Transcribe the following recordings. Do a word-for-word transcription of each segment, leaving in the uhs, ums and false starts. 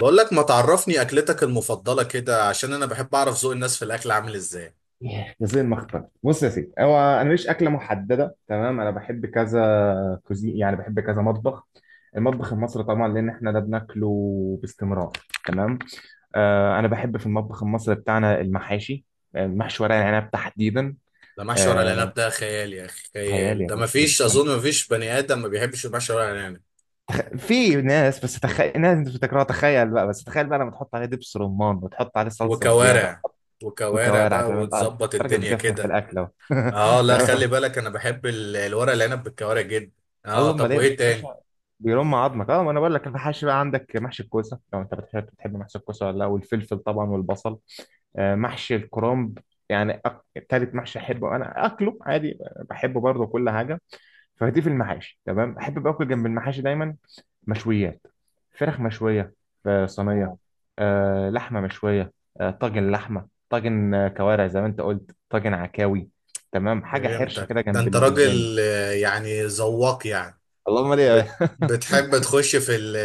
بقول لك ما تعرفني اكلتك المفضله كده، عشان انا بحب اعرف ذوق الناس في الاكل عامل ازاي. غزل المخبز. بص يا سيدي، هو انا ماليش اكله محدده، تمام؟ انا بحب كذا كوزين، يعني بحب كذا مطبخ. المطبخ المصري طبعا، لان احنا ده بناكله باستمرار. تمام. آه، انا بحب في المطبخ المصري بتاعنا المحاشي. آه، محشي ورق العنب تحديدا. ده محشي ورق آه، العنب ده خيال يا اخي، خيال خيال. يا ده ما باشا، بس فيش، اظن ما فيش بني ادم ما بيحبش المحشي ورق العنب. في ناس، بس تخيل، ناس انت بتكرهها، تخيل بقى، بس تخيل بقى لما تحط عليه دبس رمان وتحط عليه صلصه زياده وكوارع. وكوارع وكوارع. بقى زمان، اه وتظبط انت راجل الدنيا بتفهم في كده. الاكل اهو. اه لا، خلي تمام. بالك انا بحب ال- الورق العنب بالكوارع جدا. اه، الله، امال طب ايه يا وايه تاني؟ باشا؟ بيرم عظمك. اه، ما انا بقول لك، المحاشي بقى، عندك محشي الكوسه، لو انت بتحب، بتحب محشي الكوسه ولا لا؟ والفلفل طبعا والبصل. آه، محشي الكرنب، يعني أك- تالت محشي احبه، انا اكله عادي، بحبه برضه، كل حاجه. فدي في المحاشي تمام. احب باكل جنب المحاشي دايما مشويات، فراخ مشويه في صينيه، اه، آه، لحمه مشويه، آه، طاجن لحمه، طاجن آه، كوارع زي ما انت قلت، طاجن عكاوي. تمام، حاجه حرشه فهمتك. كده ده جنب انت الداني. راجل، آه، يعني ذواق يعني. اللهم ليه. بت... بتحب تخش في ال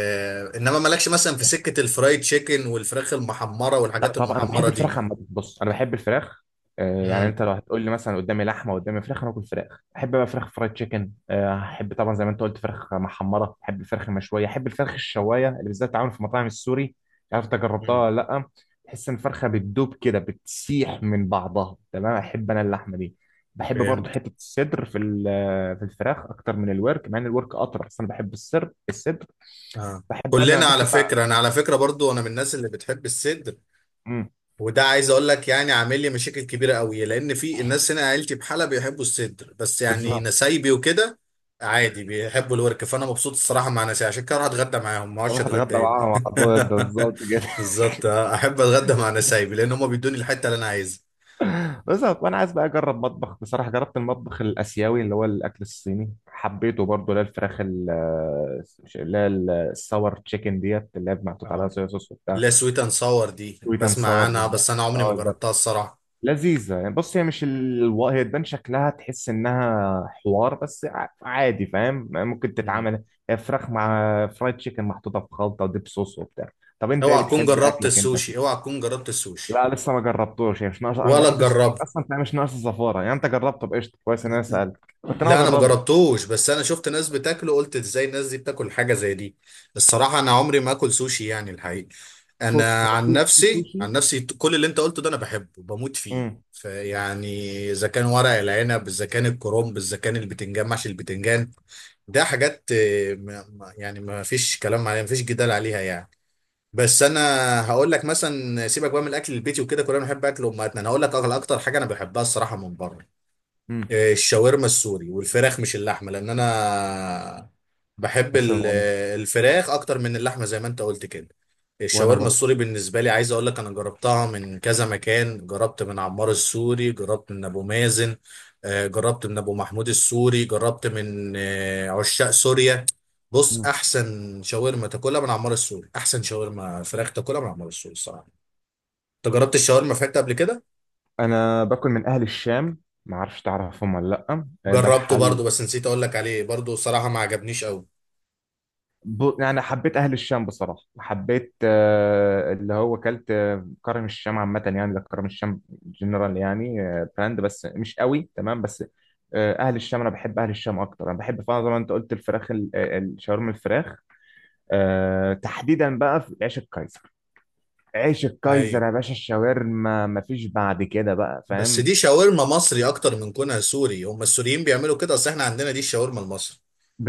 انما مالكش مثلا في سكة الفرايد تشيكن والفراخ المحمرة لا والحاجات طبعا، انا بحب المحمرة دي؟ الفراخ عامه. بص، انا بحب الفراخ، آه، يعني امم. انت لو هتقول لي مثلا قدامي لحمه قدامي فراخ، انا اكل فراخ. احب بقى فراخ فرايد تشيكن، آه، احب طبعا زي ما انت قلت فراخ محمره، احب الفراخ المشويه، احب الفراخ الشوايه اللي بالذات بتتعمل في مطاعم السوري. عارف، انت جربتها امم. ولا لا؟ تحس ان الفرخه بتدوب كده، بتسيح من بعضها. تمام، احب انا اللحمه دي. بحب برضه فهمت. حته الصدر في ال- في الفراخ اكتر من الورك، مع ان الورك اطرى، بس انا بحب الصدر الصدر. اه. بحب انا، كلنا على ممكن بقى. فكرة، انا على فكرة برضو انا من الناس اللي بتحب الصدر. امم. وده عايز اقول لك، يعني عامل لي مشاكل كبيرة قوي، لان في الناس هنا عيلتي بحالة بيحبوا الصدر بس، يعني بالظبط. نسايبي وكده عادي بيحبوا الورك. فانا مبسوط الصراحة مع ناسي، عشان كده اروح اتغدى معاهم ما اقعدش اروح اتغدى اتغدى هنا. معاهم على طول، ده بالظبط كده. بالظبط آه. احب اتغدى مع نسايبي، لان هم بيدوني الحتة اللي انا عايزها. بس وانا عايز بقى اجرب مطبخ. بصراحه جربت المطبخ الاسيوي، اللي هو الاكل الصيني، حبيته برضه، اللي هي الفراخ ال- اللي هي ال- الساور تشيكن ديت، اللي هي محطوط عليها اه صويا صوص وبتاع. لا، سويت اند ساور دي سويت اند بسمع ساور عنها بالظبط. بس انا عمري ما اه ده جربتها الصراحه. لذيذه يعني. بص، هي مش ال... هي تبان شكلها تحس انها حوار، بس ع- عادي، فاهم، ممكن مم. تتعمل. هي فراخ مع فرايد تشيكن محطوطه في خلطه وديب صوص وبتاع. طب انت ايه اوعى تكون بتحب جربت اكلك انت؟ السوشي، اوعى تكون جربت السوشي. لا لسه ما جربتوش، يعني مش ناقص، انا ما ولا بحبش السمك تجربه. اصلا، فمش مش ناقص الزفاره يعني، انت جربته بقشطه؟ كويس ان انا سالت. كنت ناوي لا انا اجربه. مجربتوش، بس انا شفت ناس بتاكله قلت ازاي الناس دي بتاكل حاجه زي دي. الصراحه انا عمري ما اكل سوشي يعني، الحقيقه. بص، انا هو عن في في نفسي، سوشي. عن نفسي كل اللي انت قلته ده انا بحبه بموت فيه امم. فيعني. اذا كان ورق العنب، اذا كان الكرنب، اذا كان البتنجان، محشي البتنجان، ده حاجات، آه، ما- ما- يعني ما فيش كلام عليها، ما فيش جدال عليها يعني. بس انا هقول لك مثلا، سيبك بقى من الاكل البيتي وكده، كلنا بنحب اكل امهاتنا. انا هقول لك أغلى- اكتر حاجه انا بحبها الصراحه من بره امم. الشاورما السوري والفراخ مش اللحمه، لان انا بحب نفس ال- الموضوع. الفراخ اكتر من اللحمه زي ما انت قلت كده. وانا الشاورما برضه. السوري بالنسبه لي عايز اقول لك، انا جربتها من كذا مكان. جربت من عمار السوري، جربت من ابو مازن، آه، جربت من ابو محمود السوري، جربت من آه، عشاق سوريا. بص، مم. احسن شاورما تاكلها من عمار السوري، احسن شاورما فراخ تاكلها من عمار السوري الصراحه. انت جربت الشاورما فراخ قبل كده؟ انا باكل من اهل الشام، ما اعرفش تعرفهم ولا لا؟ آه، ده جربته محل. برضو بس نسيت اقول لك عليه برضو، صراحه ما عجبنيش قوي. ب... يعني حبيت اهل الشام بصراحه. حبيت آه، اللي هو كلت آه، كرم الشام عامه، يعني ده كرم الشام جنرال، يعني آه، براند، بس مش قوي. تمام. بس آه، اهل الشام انا بحب اهل الشام اكتر. انا بحب فعلا زي ما انت قلت الفراخ ال- آه، الشاورما الفراخ، آه، تحديدا بقى في عيش الكايزر. عيش الكايزر ايوه، يا باشا، الشاورما مفيش بعد كده بقى، بس فاهم؟ دي شاورما مصري اكتر من كونها سوري. هم السوريين بيعملوا كده، اصل احنا عندنا دي الشاورما المصري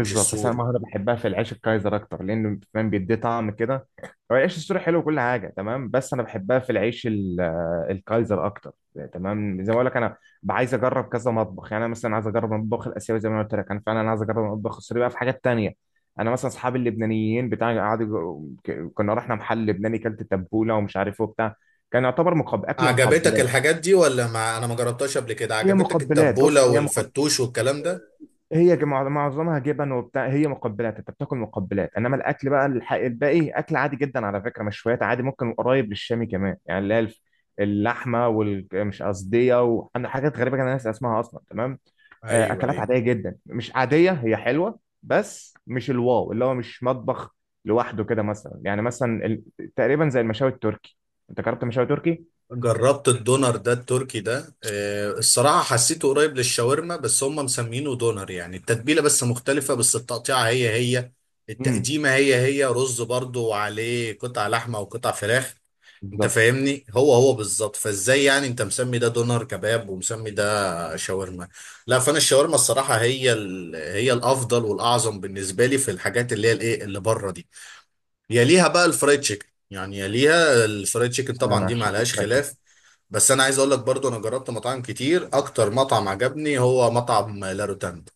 مش بس انا السوري. المهاره بحبها في العيش الكايزر اكتر، لانه فاهم بيديه طعم كده. هو العيش السوري حلو وكل حاجه تمام، بس انا بحبها في العيش ال- آه، الكايزر اكتر. تمام، زي ما اقول لك، انا ب- عايز اجرب كذا مطبخ، يعني انا مثلا عايز اجرب المطبخ الاسيوي زي ما أنا قلت لك، انا فعلا عايز اجرب المطبخ السوري بقى، في حاجات تانية. انا مثلا اصحابي اللبنانيين بتاع قعدوا يجربوا- ك- كنا رحنا محل لبناني، كلت تبوله ومش عارف ايه وبتاع، كان يعتبر مقب... اكل عجبتك مقبلات. الحاجات دي ولا ما انا ما جربتهاش قبل كده؟ هي عجبتك مقبلات، التبولة بص هي مقبلات. والفتوش والكلام ده؟ هي ج- معظ- معظمها جبن وبتاع، هي مقبلات، انت بتاكل مقبلات، انما الاكل بقى الح- الباقي اكل عادي جدا على فكره. مشويات عادي، ممكن قريب للشامي كمان، يعني اللي هي الف- اللحمه والمش قصديه. وعندنا حاجات غريبه، كان الناس اسمها اصلا، تمام. آه، ايوه اكلات ايوه. عاديه جدا، مش عاديه، هي حلوه، بس مش الواو، اللي هو مش مطبخ لوحده كده مثلا. يعني مثلا ال- تقريبا زي المشاوي التركي. انت جربت مشاوي تركي؟ جربت الدونر ده التركي ده، آه، الصراحة حسيته قريب للشاورما بس هم مسمينه دونر. يعني التتبيلة بس مختلفة، بس التقطيعة هي هي، امم. التقديمة هي هي، رز برضو وعليه قطع لحمة وقطع فراخ. انت بالظبط. فاهمني، هو هو بالظبط. فازاي يعني انت مسمي ده دونر كباب ومسمي ده شاورما؟ لا، فانا الشاورما الصراحة هي ال... هي الافضل والاعظم بالنسبة لي في الحاجات اللي هي الايه اللي بره دي. يليها بقى الفرايد تشيكن يعني، يليها الفرايد تشيكن انا أنا طبعا، دي ما عشاق عليهاش الفراخ. خلاف. بس انا عايز اقول لك برضو، انا جربت مطاعم كتير. اكتر مطعم عجبني هو مطعم لا روتاند.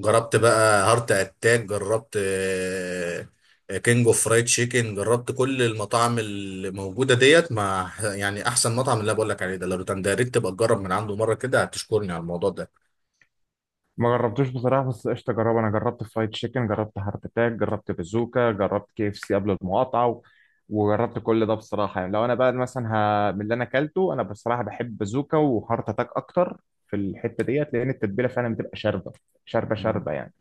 جربت بقى هارت اتاك، جربت آه، آه، كينج اوف فرايد تشيكن، جربت كل المطاعم اللي موجوده ديت. مع يعني احسن مطعم اللي أنا بقول لك عليه ده لا روتاند ده، يا ريت تبقى تجرب من عنده مره كده، هتشكرني على الموضوع ما جربتوش بصراحة، بس قشطة أجربه. أنا جربت فرايد تشيكن، جربت هارت أتاك، جربت بازوكا، جربت كي اف سي قبل المقاطعة، و- وجربت كل ده بصراحة. يعني لو أنا بقى مثلا ه... من اللي أنا أكلته، أنا بصراحة بحب بازوكا وهارت أتاك أكتر في الحتة ديت، لأن التتبيلة فعلا بتبقى شاربة، شاربة ده. شاربة يعني.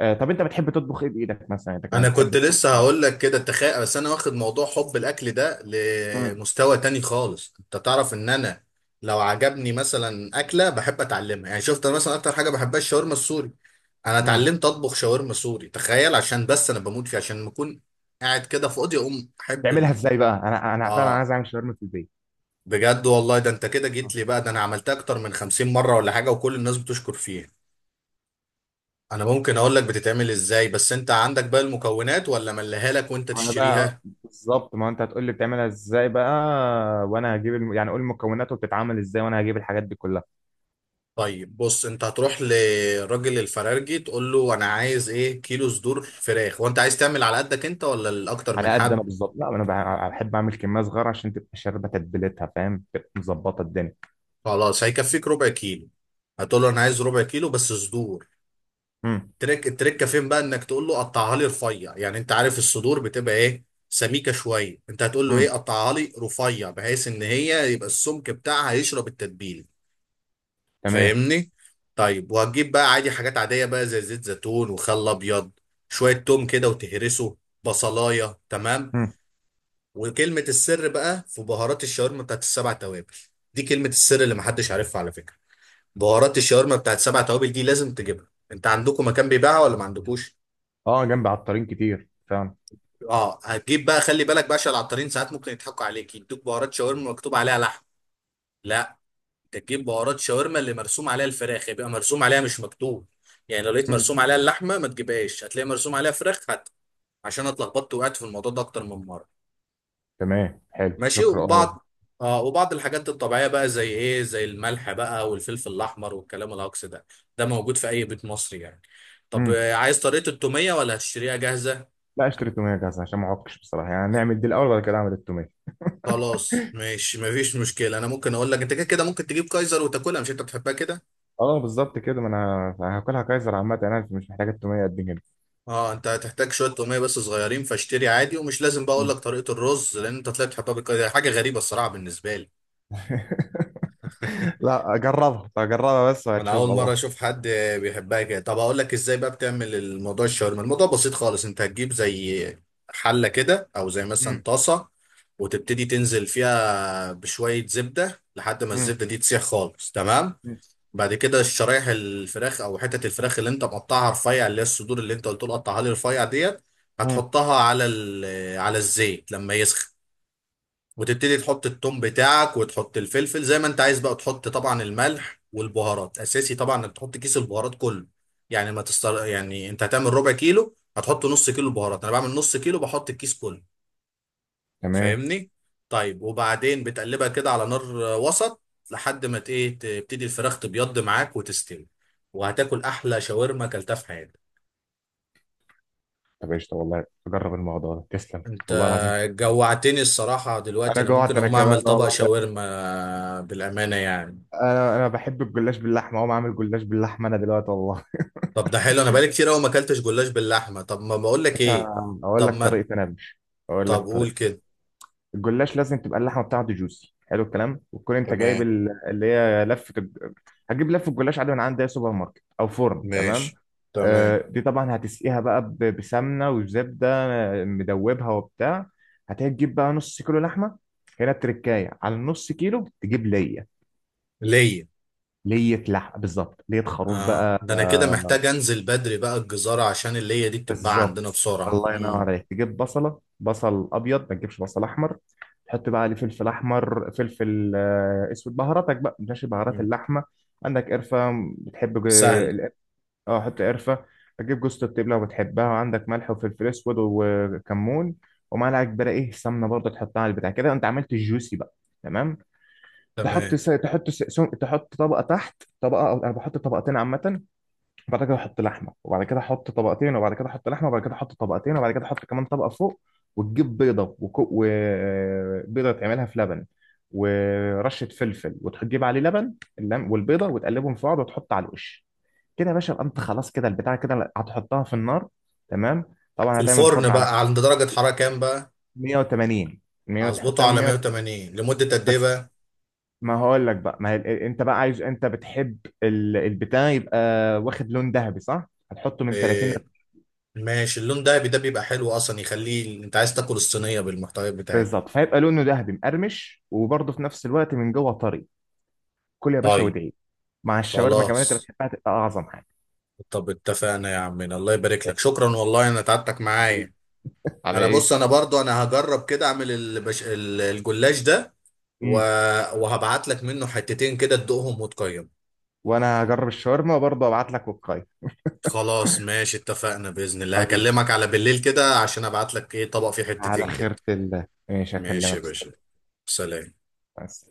آه، طب أنت بتحب تطبخ إيه بإيدك مثلا؟ أنت كده انا بتحب كنت تطبخ؟ لسه هقول لك كده، تخيل. بس انا واخد موضوع حب الاكل ده مم. لمستوى تاني خالص. انت تعرف ان انا لو عجبني مثلا اكله بحب اتعلمها. يعني شفت، انا مثلا اكتر حاجه بحبها الشاورما السوري، انا مم. اتعلمت اطبخ شاورما سوري، تخيل. عشان بس انا بموت فيه، عشان لما اكون قاعد كده فاضي اقوم احب تعملها ال... إزاي بقى؟ أنا أنا فعلا اه عايز أعمل شاورما في البيت. بجد والله، ده انت كده جيت لي بقى. ده انا عملتها اكتر من خمسين مره ولا حاجه، وكل الناس بتشكر فيها. انا ممكن اقول لك بتتعمل ازاي، بس انت عندك بقى المكونات ولا ملهالك وانت ما انا بقى آه، تشتريها؟ بالظبط، ما انت هتقول لي بتعملها ازاي بقى، وانا هجيب الم... يعني قول المكونات وبتتعمل ازاي وانا هجيب الحاجات دي كلها. طيب بص، انت هتروح لراجل الفرارجي تقول له انا عايز ايه كيلو صدور فراخ. وانت عايز تعمل على قدك انت ولا لاكتر على من قد انا حد؟ بالظبط. لا انا بح- بحب اعمل كميه صغيره عشان تبقى شاربه تتبيلتها، فاهم؟ تبقى مظبطه الدنيا. خلاص هيكفيك ربع كيلو. هتقول له انا عايز ربع كيلو بس صدور. امم. تريك التركه فين بقى انك تقول له قطعها لي رفيع. يعني انت عارف الصدور بتبقى ايه سميكه شويه، انت هتقول له ايه امم. قطعها لي رفيع، بحيث ان هي يبقى السمك بتاعها يشرب التتبيله. تمام. فاهمني؟ طيب، وهتجيب بقى عادي حاجات عادية بقى زي زيت زيتون وخل أبيض، شوية توم كده وتهرسه بصلاية، تمام. امم. وكلمة السر بقى في بهارات الشاورما بتاعت السبع توابل. دي كلمة السر اللي محدش عارفها على فكرة. بهارات الشاورما بتاعت السبع توابل دي لازم تجيبها. انت عندكم مكان بيبيعها ولا ما عندكوش؟ اه جنبي عطارين كتير فعلا. اه، هتجيب بقى. خلي بالك باشا، العطارين ساعات ممكن يضحكوا عليك يدوك بهارات شاورما مكتوب عليها لحم. لا، انت تجيب بهارات شاورما اللي مرسوم عليها الفراخ، يبقى مرسوم عليها مش مكتوب. يعني لو لقيت امم. مرسوم عليها اللحمه ما تجيبهاش، هتلاقي مرسوم عليها فراخ، هات. عشان أنا اتلخبطت وقعت في الموضوع ده اكتر من مره. تمام، حلو، ماشي شكرا. اه. وبعض. اه، وبعض الحاجات الطبيعيه بقى زي ايه، زي الملح بقى والفلفل الاحمر والكلام الهجص ده. ده موجود في اي بيت مصري يعني. طب امم. آه، عايز طريقه التوميه ولا هتشتريها جاهزه؟ لا اشتري توميه جاهزه عشان ما اعكش بصراحه، يعني نعمل دي الاول وبعد كده اعمل التوميه. خلاص ماشي، مفيش مشكله. انا ممكن اقول لك انت كده كده ممكن تجيب كايزر وتاكلها، مش انت بتحبها كده؟ اه بالظبط كده، ما انا هاكلها كايزر عامه، يعني انا مش محتاج التوميه قد كده. اه، انت هتحتاج شويه توميه بس صغيرين، فاشتري عادي. ومش لازم بقى اقول مم. لك طريقه الرز لان انت طلعت تحبها بالك- دي حاجه غريبه الصراحه بالنسبه لي. لا جربها، جربها بس انا وهتشوف اول والله. مره اشوف حد بيحبها كده. طب اقول لك ازاي بقى بتعمل الموضوع الشاورما. الموضوع بسيط خالص، انت هتجيب زي حله كده او زي مثلا مم. طاسه وتبتدي تنزل فيها بشويه زبده لحد ما مم. الزبده دي تسيح خالص، تمام. مم. بعد كده الشرايح الفراخ او حتت الفراخ اللي انت مقطعها رفيع اللي هي الصدور اللي انت قلت له قطعها لي رفيع ديت، مم. هتحطها على ال- على الزيت لما يسخن. وتبتدي تحط التوم بتاعك وتحط الفلفل زي ما انت عايز بقى. تحط طبعا الملح والبهارات، اساسي طبعا انك تحط كيس البهارات كله. يعني ما تستر... يعني انت هتعمل ربع كيلو هتحط نص كيلو بهارات؟ انا بعمل نص كيلو بحط الكيس كله. تمام. فاهمني؟ طيب، وبعدين بتقلبها كده على نار آه، وسط لحد ما ت- ايه تبتدي الفراخ تبيض معاك وتستوي. وهتاكل احلى شاورما اكلتها في حياتك. طب قشطة، والله أجرب الموضوع ده، تسلم انت والله العظيم. جوعتني الصراحة دلوقتي. انا انا جوعت ممكن انا اقوم اعمل كمان طبق والله. شاورما بالامانة يعني. انا انا بحب الجلاش باللحمه، اقوم اعمل جلاش باللحمه انا دلوقتي والله. طب ده حلو، انا بقالي كتير قوي ما اكلتش جلاش باللحمة. طب ما بقول لك ايه. عشان اقول طب لك ما طريقه. انا مش اقول طب لك قول طريقه كده. الجلاش لازم تبقى اللحمه بتاعته جوسي، حلو الكلام، وتكون انت جايب تمام. ال- اللي هي لفه الج- هتجيب لفه الجلاش عادي من عند اي سوبر ماركت او فرن، تمام. ماشي. تمام. آه، دي طبعا هتسقيها بقى ب- بسمنه وزبده آه، مدوبها وبتاع. هتجيب بقى نص كيلو لحمه. هنا التركايه على النص كيلو، تجيب ليه؟ ليا. ليه لحمه بالظبط، ليه خروف اه، بقى. ده انا كده محتاج انزل بدري بقى الجزارة عشان اللية دي بتتباع بالظبط. عندنا بسرعة. الله ينور مم. عليك. تجيب بصله، بصل ابيض، ما تجيبش بصل احمر. تحط بقى عليه فلفل احمر، فلفل آه، اسود، بهاراتك بقى ماشي، بهارات مم. اللحمه. عندك قرفه؟ بتحب ج- سهل. القرفة- اه حط قرفه. هتجيب جوزة الطيب لو بتحبها، وعندك ملح وفلفل اسود وكمون، ومعلقه كبيره ايه، سمنه برضه تحطها على البتاع كده، انت عملت الجوسي بقى. تمام. تحط تمام. س... تحط س... سم... تحط طبقه تحت طبقه، او انا بحط طبقتين عامه. بعد كده احط لحمه، وبعد كده احط طبقتين، وبعد كده احط لحمه، وبعد كده احط طبقتين، وبعد كده احط كمان طبقه فوق. وتجيب بيضه وكو... وبيضه تعملها في لبن ورشه فلفل، وتجيب عليه لبن. اللم... والبيضه وتقلبهم في بعض وتحط على الوش كده يا باشا. يبقى انت خلاص كده، البتاع كده هتحطها في النار. تمام. طبعا في هتعمل الفرن فرن على بقى عند درجة حرارة كام بقى؟ مية وتمانين. مية، هظبطه تحطها من على مية. مية وتمانين لمدة قد ايه بس بقى؟ ما هقول لك بقى، ما هي... انت بقى عايز، انت بتحب ال- البتاع يبقى واخد لون ذهبي، صح؟ هتحطه من تلاتين. إيه. ماشي. اللون دهبي ده بيبقى حلو اصلا يخليه، انت عايز تاكل الصينية بالمحتويات بتاعتها. بالظبط، فهيبقى لونه ذهبي مقرمش، وبرضه في نفس الوقت من جوه طري. كل يا باشا طيب. وادعي. مع الشاورما كمان انت خلاص. بتحبها، تبقى اعظم حاجه. طب اتفقنا يا عمنا، الله يبارك لك، شكرا والله، انا تعبتك حبيبي، معايا. على انا بص، ايه؟ انا برضو انا هجرب كده اعمل البش... ال- الجلاش ده. و... امم. وهبعت لك منه حتتين كده تدوقهم وتقيم. وانا هجرب الشاورما وبرضه ابعت لك وقايه. خلاص ماشي، اتفقنا بإذن الله. حبيبي، هكلمك على بالليل كده عشان ابعت لك ايه طبق فيه على حتتين كده. خيرة الله، ماشي ماشي اكلمك. يا باشا، سلام. بس.